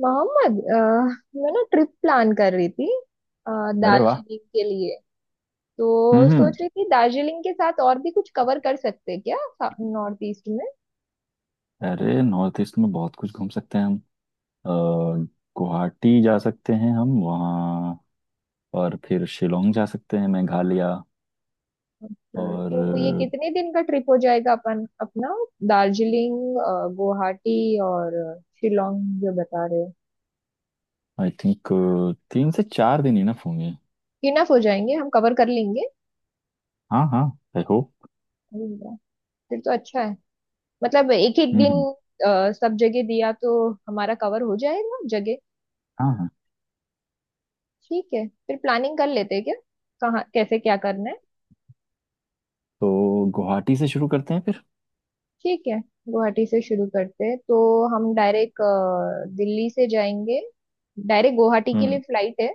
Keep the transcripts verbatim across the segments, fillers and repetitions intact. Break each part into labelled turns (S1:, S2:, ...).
S1: मोहम्मद अ, मैं ना ट्रिप प्लान कर रही थी अ,
S2: अरे वाह।
S1: दार्जिलिंग के लिए। तो
S2: हम्म।
S1: सोच रही थी दार्जिलिंग के साथ और भी कुछ कवर कर सकते हैं क्या नॉर्थ ईस्ट में।
S2: अरे नॉर्थ ईस्ट में बहुत कुछ घूम सकते हैं हम। अ, गुवाहाटी जा सकते हैं हम वहाँ। और फिर शिलोंग जा सकते हैं मेघालय।
S1: ओके, तो ये
S2: और
S1: कितने दिन का ट्रिप हो जाएगा अपन अपना? दार्जिलिंग, अ, गुवाहाटी और शिलोंग जो बता रहे हो।
S2: आई थिंक तीन से चार दिन इनफ होंगे।
S1: इनफ हो जाएंगे, हम कवर कर लेंगे।
S2: हाँ हाँ, आई होप।
S1: अरे वाह, फिर तो अच्छा है। मतलब एक एक
S2: हम्म
S1: दिन
S2: हम्म,
S1: अ, सब जगह दिया तो हमारा कवर हो जाएगा जगह।
S2: हाँ हाँ।
S1: ठीक है, फिर प्लानिंग कर लेते हैं क्या, कहाँ कैसे क्या करना है।
S2: तो गुवाहाटी से शुरू करते हैं फिर।
S1: ठीक है, गुवाहाटी से शुरू करते हैं तो हम डायरेक्ट दिल्ली से जाएंगे। डायरेक्ट गुवाहाटी के लिए
S2: हम्म।
S1: फ्लाइट है।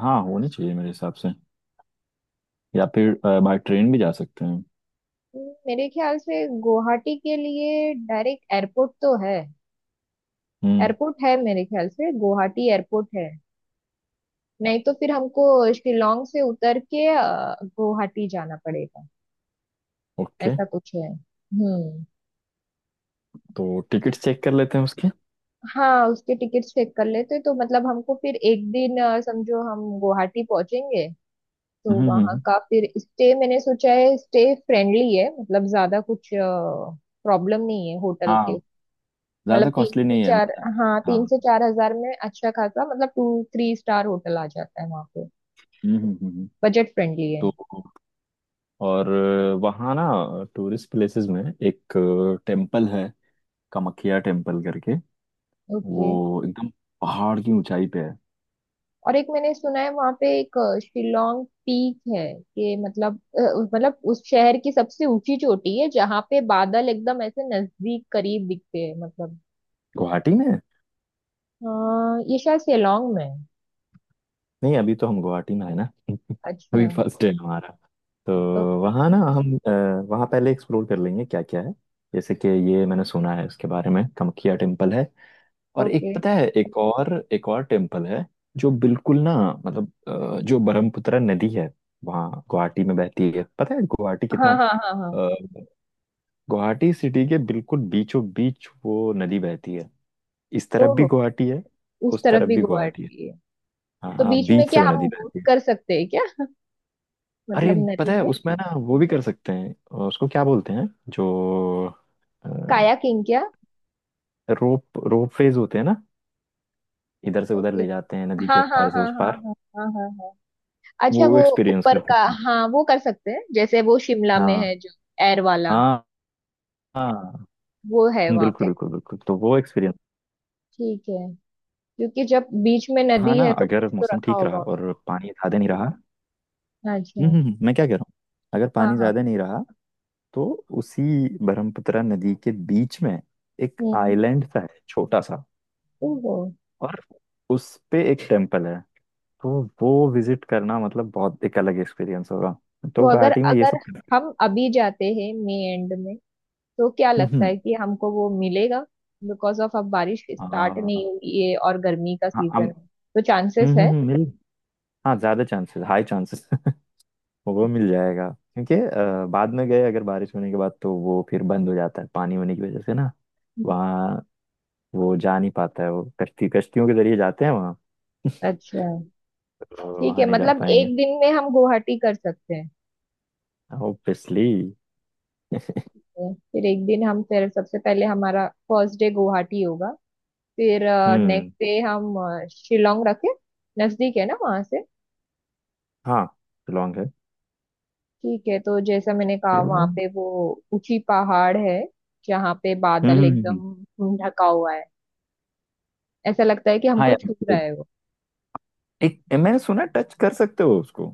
S2: हाँ, होनी चाहिए मेरे हिसाब से। या फिर बाय ट्रेन भी जा सकते हैं।
S1: हम्म, मेरे ख्याल से गुवाहाटी के लिए डायरेक्ट एयरपोर्ट तो है।
S2: हम्म।
S1: एयरपोर्ट है मेरे ख्याल से, गुवाहाटी एयरपोर्ट है। नहीं तो फिर हमको शिलोंग से उतर के अ, गुवाहाटी जाना पड़ेगा,
S2: ओके,
S1: ऐसा कुछ है। हम्म।
S2: तो टिकट्स चेक कर लेते हैं उसके।
S1: हाँ उसके टिकट्स चेक कर लेते, तो मतलब हमको फिर एक दिन अ, समझो हम गुवाहाटी पहुंचेंगे, तो
S2: हम्म हम्म
S1: वहाँ
S2: हम्म,
S1: का फिर स्टे मैंने सोचा है, स्टे फ्रेंडली है, मतलब ज्यादा कुछ प्रॉब्लम नहीं है होटल
S2: हाँ,
S1: के। मतलब
S2: ज़्यादा
S1: तीन
S2: कॉस्टली
S1: से
S2: नहीं है।
S1: चार, हाँ तीन
S2: हाँ।
S1: से चार हजार में अच्छा खासा मतलब टू थ्री स्टार होटल आ जाता है वहाँ पे।
S2: हम्म हम्म, हम्म। हम्म।
S1: बजट फ्रेंडली है।
S2: तो और वहाँ ना टूरिस्ट प्लेसेस में एक टेम्पल है, कामाख्या टेम्पल करके।
S1: ओके।
S2: वो एकदम पहाड़ की ऊंचाई पे है।
S1: और एक मैंने सुना है वहां पे एक अ, शिलोंग पीक है कि मतलब अ, मतलब उस शहर की सबसे ऊंची चोटी है जहाँ पे बादल एकदम ऐसे नजदीक करीब दिखते हैं, मतलब।
S2: गुवाहाटी में है?
S1: हाँ ये शायद शिलोंग में है।
S2: नहीं, अभी तो हम गुवाहाटी में है ना। अभी
S1: अच्छा।
S2: फर्स्ट डे हमारा। तो
S1: ओके।
S2: वहाँ ना हम अ, वहाँ पहले एक्सप्लोर कर लेंगे क्या क्या है। जैसे कि ये मैंने सुना है इसके बारे में, कामाख्या टेम्पल है। और एक
S1: ओके।
S2: पता है, एक और एक और टेम्पल है जो बिल्कुल ना, मतलब अ, जो ब्रह्मपुत्र नदी है, वहाँ गुवाहाटी में बहती है। पता है गुवाहाटी कितना
S1: हाँ हाँ हाँ हाँ।
S2: अ, गुवाहाटी सिटी के बिल्कुल बीचों बीच वो नदी बहती है। इस तरफ भी
S1: ओहो,
S2: गुवाहाटी है,
S1: उस
S2: उस
S1: तरफ
S2: तरफ
S1: भी
S2: भी गुवाहाटी है।
S1: गुवाहाटी है।
S2: हाँ
S1: तो
S2: हाँ,
S1: बीच में
S2: बीच से
S1: क्या
S2: वो
S1: हम
S2: नदी
S1: बोट
S2: बहती है।
S1: कर सकते हैं क्या,
S2: अरे
S1: मतलब नदी
S2: पता है
S1: में?
S2: उसमें ना वो भी कर सकते हैं, अ, उसको क्या बोलते हैं जो
S1: कायाकिंग क्या?
S2: रोप रोप फेज होते हैं ना, इधर से उधर
S1: ओके।
S2: ले जाते हैं नदी के
S1: हाँ हाँ
S2: पार से
S1: हाँ
S2: उस
S1: हाँ
S2: पार।
S1: हाँ हाँ हाँ हाँ।
S2: वो
S1: अच्छा वो
S2: एक्सपीरियंस
S1: ऊपर
S2: कर
S1: का।
S2: सकते हैं।
S1: हाँ वो कर सकते हैं, जैसे वो शिमला में
S2: हाँ,
S1: है जो एयर वाला,
S2: हाँ हाँ।
S1: वो है वहां
S2: बिल्कुल
S1: पे।
S2: बिल्कुल बिल्कुल, तो वो एक्सपीरियंस।
S1: ठीक है, क्योंकि जब बीच में
S2: हाँ
S1: नदी
S2: ना,
S1: है तो कुछ
S2: अगर
S1: तो
S2: मौसम
S1: रखा
S2: ठीक
S1: होगा
S2: रहा
S1: उन्होंने।
S2: और पानी ज्यादा नहीं रहा। हम्म
S1: अच्छा।
S2: हम्म, हम्म, मैं क्या कह रहा हूँ, अगर
S1: हाँ
S2: पानी
S1: हाँ।
S2: ज्यादा नहीं रहा तो उसी ब्रह्मपुत्र नदी के बीच में एक
S1: हम्म।
S2: आइलैंड सा है, छोटा सा।
S1: ओहो।
S2: और उस पे एक टेम्पल है। तो वो विजिट करना मतलब बहुत एक अलग एक्सपीरियंस होगा। तो
S1: तो अगर
S2: गुवाहाटी में ये
S1: अगर
S2: सब।
S1: हम अभी जाते हैं मई एंड में तो क्या
S2: हम्म
S1: लगता
S2: हम्म,
S1: है कि हमको वो मिलेगा? बिकॉज ऑफ अब बारिश स्टार्ट नहीं
S2: आ,
S1: हुई है और गर्मी का
S2: हाँ
S1: सीजन
S2: हम-
S1: है, तो चांसेस
S2: हम्म हम्म
S1: है।
S2: हम्म, मेरी- हाँ, ज्यादा चांसेस, हाई चांसेस। वो मिल जाएगा, क्योंकि अ, बाद में गए अगर बारिश होने के बाद, तो वो फिर बंद हो जाता है पानी होने की वजह से ना।
S1: हम्म।
S2: वहाँ वो जा नहीं पाता है, वो कश्ती कश्तियों के जरिए जाते हैं वहाँ।
S1: अच्छा।
S2: तो
S1: ठीक
S2: वहाँ
S1: है,
S2: नहीं जा
S1: मतलब
S2: पाएंगे।
S1: एक दिन में हम गुवाहाटी कर सकते हैं
S2: ऑब्वियसली।
S1: है। फिर एक दिन हम, फिर सबसे पहले हमारा फर्स्ट डे गुवाहाटी होगा, फिर
S2: हम्म।
S1: नेक्स्ट डे हम अ, शिलोंग रखे। नजदीक है ना वहां से।
S2: हाँ, शिलोंग है।
S1: ठीक है, तो जैसा मैंने कहा, वहां
S2: शिलोंग।
S1: पे वो ऊंची पहाड़ है, जहाँ पे
S2: हम्म
S1: बादल
S2: हम्म, हम्म, हम्म।
S1: एकदम ढका हुआ है, ऐसा लगता है कि
S2: हाँ
S1: हमको
S2: यार,
S1: छू रहा
S2: वो
S1: है वो।
S2: एक मैंने सुना टच कर सकते हो उसको,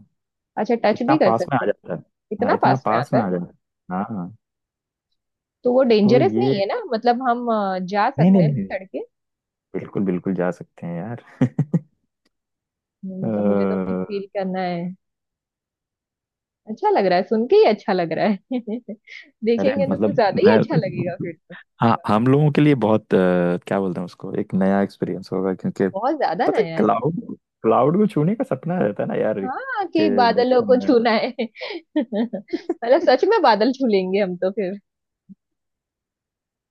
S1: अच्छा टच
S2: इतना
S1: भी कर
S2: पास में
S1: सकते
S2: आ
S1: हैं।
S2: जाता है। हाँ,
S1: इतना
S2: इतना
S1: पास में
S2: पास
S1: आता
S2: में
S1: है।
S2: आ जाता है। हाँ हाँ,
S1: तो वो
S2: तो
S1: डेंजरस नहीं
S2: ये
S1: है ना, मतलब हम अ, जा
S2: नहीं
S1: सकते
S2: नहीं
S1: हैं
S2: नहीं नहीं,
S1: ना चढ़ के?
S2: बिल्कुल बिल्कुल जा सकते हैं यार।
S1: मतलब मुझे तो
S2: अ,
S1: फील करना है। अच्छा लग रहा है सुन के ही अच्छा लग रहा है
S2: अरे
S1: देखेंगे तो कुछ
S2: मतलब
S1: ज्यादा ही अच्छा
S2: मैं,
S1: लगेगा फिर तो।
S2: हाँ, हम लोगों के लिए बहुत अ, क्या बोलते हैं उसको, एक नया एक्सपीरियंस होगा। क्योंकि
S1: बहुत ज्यादा
S2: पता है
S1: नया है।
S2: क्लाउड क्लाउड को छूने का सपना रहता है ना यार,
S1: हाँ, कि
S2: के
S1: बादलों
S2: बचपन
S1: को
S2: में।
S1: छूना है। मतलब सच में बादल छू लेंगे हम तो फिर।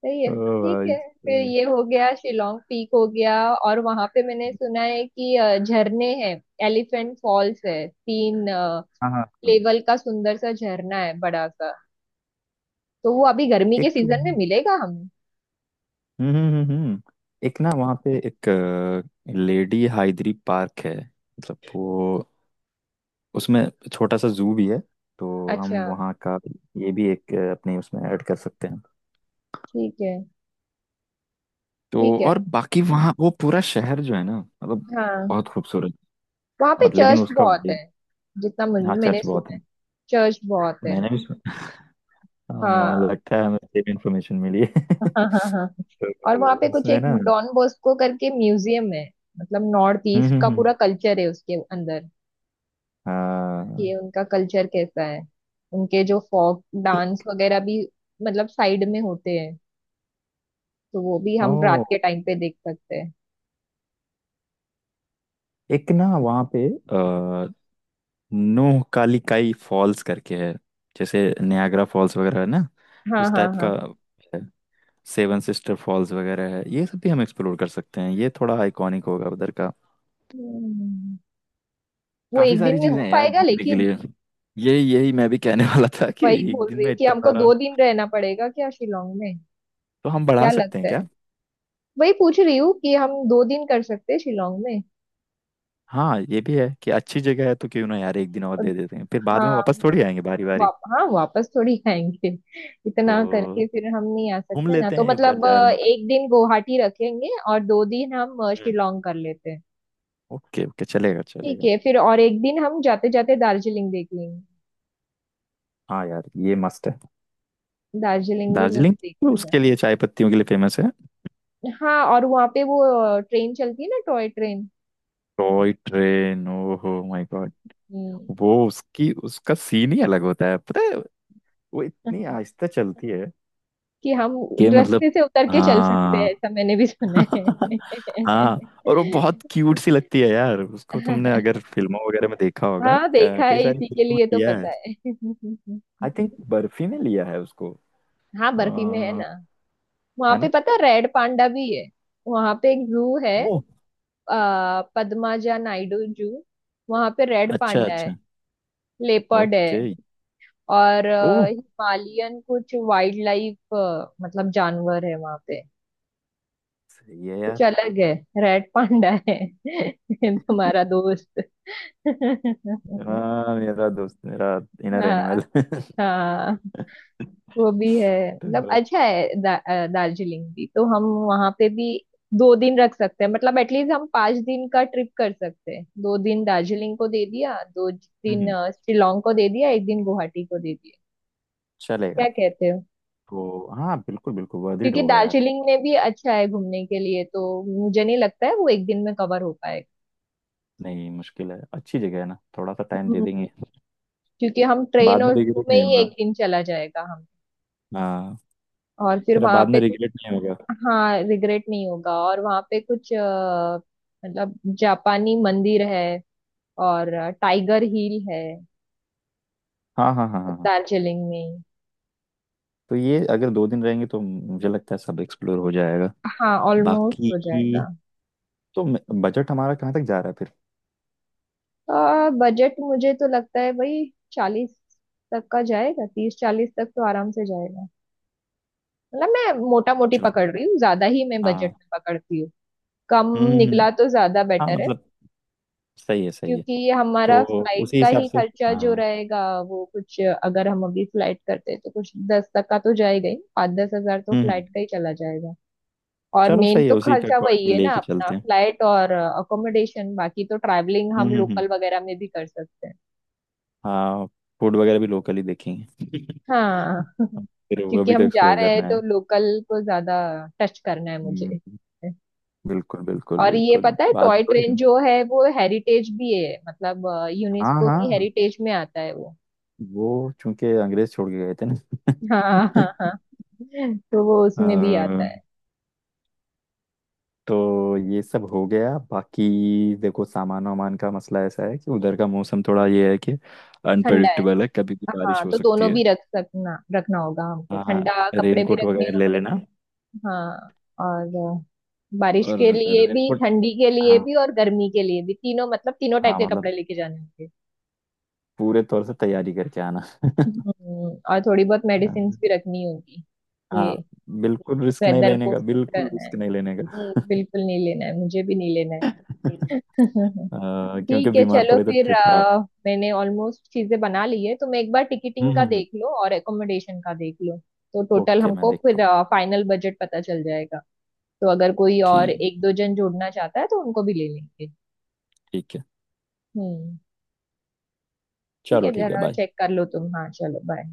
S1: सही है,
S2: ओ
S1: ठीक
S2: भाई
S1: है। फिर
S2: साहब।
S1: ये हो गया, शिलोंग पीक हो गया, और वहां पे मैंने सुना है कि अ, झरने हैं। एलिफेंट फॉल्स है, तीन
S2: हाँ हाँ हाँ।
S1: लेवल का सुंदर सा झरना है, बड़ा सा। तो वो अभी गर्मी के
S2: एक तो
S1: सीजन में
S2: वहाँ-
S1: मिलेगा हमें।
S2: हम्म हम्म हम्म हम्म। एक ना वहाँ पे एक लेडी हाइद्री पार्क है, मतलब वो उसमें छोटा सा जू भी है। तो
S1: अच्छा।
S2: हम वहाँ का ये भी एक, अ, अपने उसमें ऐड कर सकते हैं।
S1: ठीक है।
S2: तो
S1: ठीक है।
S2: और बाकी वहाँ वो पूरा शहर जो है ना मतलब,
S1: हाँ
S2: बहुत खूबसूरत।
S1: वहां पे
S2: और लेकिन
S1: चर्च
S2: उसका,
S1: बहुत है जितना मुझ-
S2: हाँ
S1: मैंने
S2: चर्च बहुत
S1: सुना है।
S2: है।
S1: चर्च बहुत है।
S2: मैंने भी सुन- आ,
S1: हाँ
S2: लगता है हमें सेम इन्फॉर्मेशन मिली है।
S1: हाँ हाँ हाँ। और वहां पे
S2: तो
S1: कुछ
S2: इसमें
S1: एक
S2: ना। हम्म
S1: डॉन बॉस्को करके म्यूजियम है, मतलब नॉर्थ ईस्ट
S2: हम्म
S1: का
S2: हम्म,
S1: पूरा कल्चर है उसके अंदर, कि
S2: हाँ।
S1: उनका कल्चर कैसा है। उनके जो फोक डांस वगैरह भी, मतलब साइड में होते हैं, तो वो भी हम रात के
S2: ओ,
S1: टाइम पे देख सकते हैं।
S2: एक ना वहाँ पे आ, नोह कालिकाई फॉल्स करके है, जैसे नियाग्रा फॉल्स वगैरह है ना,
S1: हाँ
S2: उस
S1: हाँ
S2: टाइप का
S1: हाँ।
S2: है। सेवन सिस्टर फॉल्स वगैरह है, ये सब भी हम एक्सप्लोर कर सकते हैं। ये थोड़ा आइकॉनिक होगा उधर का।
S1: हम्म, वो
S2: काफी
S1: एक
S2: सारी
S1: दिन में
S2: चीजें
S1: हो
S2: हैं यार
S1: पाएगा
S2: घूमने के
S1: लेकिन?
S2: लिए। यही यही मैं भी कहने वाला था कि
S1: वही
S2: एक
S1: बोल
S2: दिन
S1: रही
S2: में
S1: हूँ कि
S2: इतना
S1: हमको
S2: सारा,
S1: दो दिन रहना पड़ेगा क्या शिलोंग में?
S2: तो हम बढ़ा
S1: क्या
S2: सकते
S1: लगता
S2: हैं क्या।
S1: है? वही पूछ रही हूँ कि हम दो दिन कर सकते हैं शिलोंग में।
S2: हाँ ये भी है कि अच्छी जगह है, तो क्यों ना यार एक दिन और
S1: और
S2: दे देते हैं। फिर बाद में
S1: हाँ,
S2: वापस थोड़ी आएंगे बारी बारी।
S1: वाप, हाँ वापस थोड़ी आएंगे। इतना
S2: तो
S1: करके फिर हम नहीं आ
S2: घूम
S1: सकते ना,
S2: लेते
S1: तो
S2: हैं, एक बार
S1: मतलब
S2: जा
S1: अ,
S2: रहे हैं।
S1: एक दिन गुवाहाटी रखेंगे और दो दिन हम अ,
S2: तो हम्म।
S1: शिलोंग कर लेते हैं।
S2: ओके ओके, चलेगा
S1: ठीक
S2: चलेगा।
S1: है, फिर और एक दिन हम जाते जाते दार्जिलिंग देख लेंगे।
S2: हाँ यार, ये मस्त है।
S1: दार्जिलिंग भी मुझे
S2: दार्जिलिंग तो
S1: देखना
S2: उसके लिए, चाय पत्तियों के लिए फेमस है।
S1: है। हाँ, और वहाँ पे वो अ, ट्रेन चलती है ना, टॉय ट्रेन।
S2: टॉय ट्रेन, ओहो माय गॉड।
S1: हम्म,
S2: वो उसकी उसका सीन ही अलग होता है पता है। वो इतनी आहिस्ता चलती है
S1: कि हम
S2: कि मतलब,
S1: रास्ते से उतर के चल सकते हैं,
S2: हाँ।
S1: ऐसा मैंने भी सुना
S2: हाँ, और वो बहुत क्यूट सी लगती है यार। उसको तुमने
S1: है।
S2: अगर फिल्मों वगैरह में देखा होगा।
S1: हाँ
S2: अ,
S1: देखा
S2: कई
S1: है
S2: सारी
S1: इसी के
S2: फिल्मों में
S1: लिए तो
S2: लिया है।
S1: पता है।
S2: आई थिंक बर्फी ने लिया है उसको।
S1: हाँ बर्फी में है
S2: अ,
S1: ना। वहां
S2: है
S1: पे
S2: ना।
S1: पता है रेड पांडा भी है। वहां पे एक जू है,
S2: ओह
S1: आ, पद्माजा नायडू जू। वहां पे रेड
S2: अच्छा
S1: पांडा है,
S2: अच्छा।
S1: लेपर्ड है,
S2: ओके।
S1: और अ,
S2: ओह,
S1: हिमालयन कुछ वाइल्ड लाइफ, मतलब जानवर है वहां पे।
S2: सही है
S1: कुछ
S2: यार।
S1: अलग है। रेड पांडा है। तुम्हारा दोस्त।
S2: हाँ मेरा दोस्त, मेरा इनर
S1: हाँ
S2: एनिमल।
S1: हाँ, वो भी है। मतलब
S2: तो
S1: अच्छा है, दा, अ, दार्जिलिंग भी तो हम वहां पे भी दो दिन रख सकते हैं। मतलब एटलीस्ट हम पांच दिन का ट्रिप कर सकते हैं। दो दिन दार्जिलिंग को दे दिया, दो दिन
S2: हम्म,
S1: अ, शिलोंग को दे दिया, एक दिन गुवाहाटी को दे दिया। क्या
S2: चलेगा।
S1: कहते हो?
S2: तो हाँ, बिल्कुल बिल्कुल वर्थ इट
S1: क्योंकि
S2: होगा यार।
S1: दार्जिलिंग में भी अच्छा है घूमने के लिए, तो मुझे नहीं लगता है वो एक दिन में कवर हो पाएगा।
S2: नहीं मुश्किल है, अच्छी जगह है ना, थोड़ा सा टाइम दे
S1: हम्म,
S2: देंगे।
S1: क्योंकि हम ट्रेन
S2: बाद में
S1: और जू
S2: रिग्रेट
S1: में
S2: नहीं
S1: ही
S2: होगा।
S1: एक दिन चला जाएगा हम।
S2: हाँ,
S1: और फिर
S2: कह रहा
S1: वहां
S2: बाद
S1: पे
S2: में रिग्रेट नहीं होगा।
S1: हाँ, रिग्रेट नहीं होगा। और वहाँ पे कुछ अ, मतलब जापानी मंदिर है, और टाइगर हिल है
S2: हाँ हाँ हाँ हाँ हाँ।
S1: दार्जिलिंग में ही।
S2: तो ये अगर दो दिन रहेंगे तो मुझे लगता है सब एक्सप्लोर हो जाएगा
S1: हाँ ऑलमोस्ट हो
S2: बाकी।
S1: जाएगा।
S2: तो बजट हमारा कहाँ तक जा रहा है फिर।
S1: बजट मुझे तो लगता है भाई चालीस तक का जाएगा, तीस चालीस तक तो आराम से जाएगा। मतलब मैं मोटा मोटी
S2: चलो,
S1: पकड़ रही हूँ, ज्यादा ही मैं बजट
S2: हाँ।
S1: में पकड़ती हूँ, कम
S2: हम्म हम्म, हम्म,
S1: निकला तो ज्यादा
S2: हाँ
S1: बेटर है।
S2: मतलब, सही है सही है।
S1: क्योंकि ये
S2: तो
S1: हमारा फ्लाइट
S2: उसी
S1: का
S2: हिसाब
S1: ही
S2: से।
S1: खर्चा जो
S2: हाँ।
S1: रहेगा, वो कुछ अगर हम अभी फ्लाइट करते हैं तो कुछ दस तक का तो जाएगा ही, पाँच दस हजार तो
S2: हम्म हम्म,
S1: फ्लाइट का ही चला जाएगा। और
S2: चलो
S1: मेन
S2: सही है,
S1: तो
S2: उसी का
S1: खर्चा वही
S2: अकॉर्डिंग
S1: है ना
S2: लेके
S1: अपना,
S2: चलते हैं।
S1: फ्लाइट और अकोमोडेशन। बाकी तो ट्रैवलिंग
S2: हम्म
S1: हम
S2: हम्म हम्म,
S1: लोकल वगैरह में भी कर सकते हैं।
S2: हाँ। फूड वगैरह भी लोकल ही देखेंगे।
S1: हाँ
S2: फिर वो
S1: क्योंकि
S2: भी तो
S1: हम जा
S2: एक्सप्लोर
S1: रहे हैं
S2: करना
S1: तो
S2: है।
S1: लोकल को ज्यादा टच करना है
S2: हम्म,
S1: मुझे।
S2: बिल्कुल बिल्कुल
S1: और ये
S2: बिल्कुल
S1: पता है
S2: बात
S1: टॉय
S2: बड़ी।
S1: ट्रेन जो है वो हेरिटेज भी है, मतलब
S2: हाँ
S1: यूनेस्को की
S2: हाँ,
S1: हेरिटेज में आता है वो।
S2: वो चूंकि अंग्रेज छोड़ के गए थे ना।
S1: हाँ हाँ हाँ। तो वो
S2: अ,
S1: उसमें भी आता है।
S2: तो ये सब हो गया बाकी। देखो, सामान वामान का मसला ऐसा है कि उधर का मौसम थोड़ा ये है कि
S1: ठंडा है।
S2: अनप्रडिक्टेबल है, कभी भी बारिश
S1: हाँ,
S2: हो
S1: तो
S2: सकती
S1: दोनों
S2: है।
S1: भी रख सकना रखना होगा हमको,
S2: हाँ,
S1: ठंडा कपड़े भी
S2: रेनकोट
S1: रखने
S2: वगैरह ले
S1: होंगे।
S2: लेना।
S1: हाँ और बारिश
S2: और
S1: के लिए भी,
S2: रेनकोट
S1: ठंडी के लिए
S2: हाँ,
S1: भी और गर्मी के लिए भी, तीनों मतलब तीनों टाइप
S2: हाँ
S1: के
S2: मतलब,
S1: कपड़े लेके जाने होंगे।
S2: पूरे तौर से तैयारी करके आना।
S1: हम्म, और थोड़ी बहुत मेडिसिन
S2: हाँ
S1: भी रखनी होगी ये,
S2: हाँ, बिल्कुल रिस्क नहीं
S1: वेदर
S2: लेने
S1: को
S2: का,
S1: सूट
S2: बिल्कुल
S1: करना है।
S2: रिस्क नहीं लेने का।
S1: हम्म, बिल्कुल नहीं लेना है, मुझे भी नहीं लेना है।
S2: अ, क्योंकि
S1: ठीक है,
S2: बीमार
S1: चलो
S2: पड़े तो
S1: फिर
S2: ट्रिप खराब।
S1: अ, मैंने ऑलमोस्ट चीजें बना ली है। तुम एक बार टिकटिंग का
S2: हम्म।
S1: देख लो और एकोमोडेशन का देख लो, तो टोटल
S2: ओके, मैं
S1: हमको
S2: देखता हूँ।
S1: फिर फाइनल बजट पता चल जाएगा। तो अगर कोई और
S2: ठीक,
S1: एक दो जन जोड़ना चाहता है तो उनको भी ले लेंगे।
S2: ठीक है।
S1: हम्म। ठीक
S2: चलो
S1: है,
S2: ठीक है,
S1: जरा
S2: बाय।
S1: चेक कर लो तुम, हाँ चलो बाय।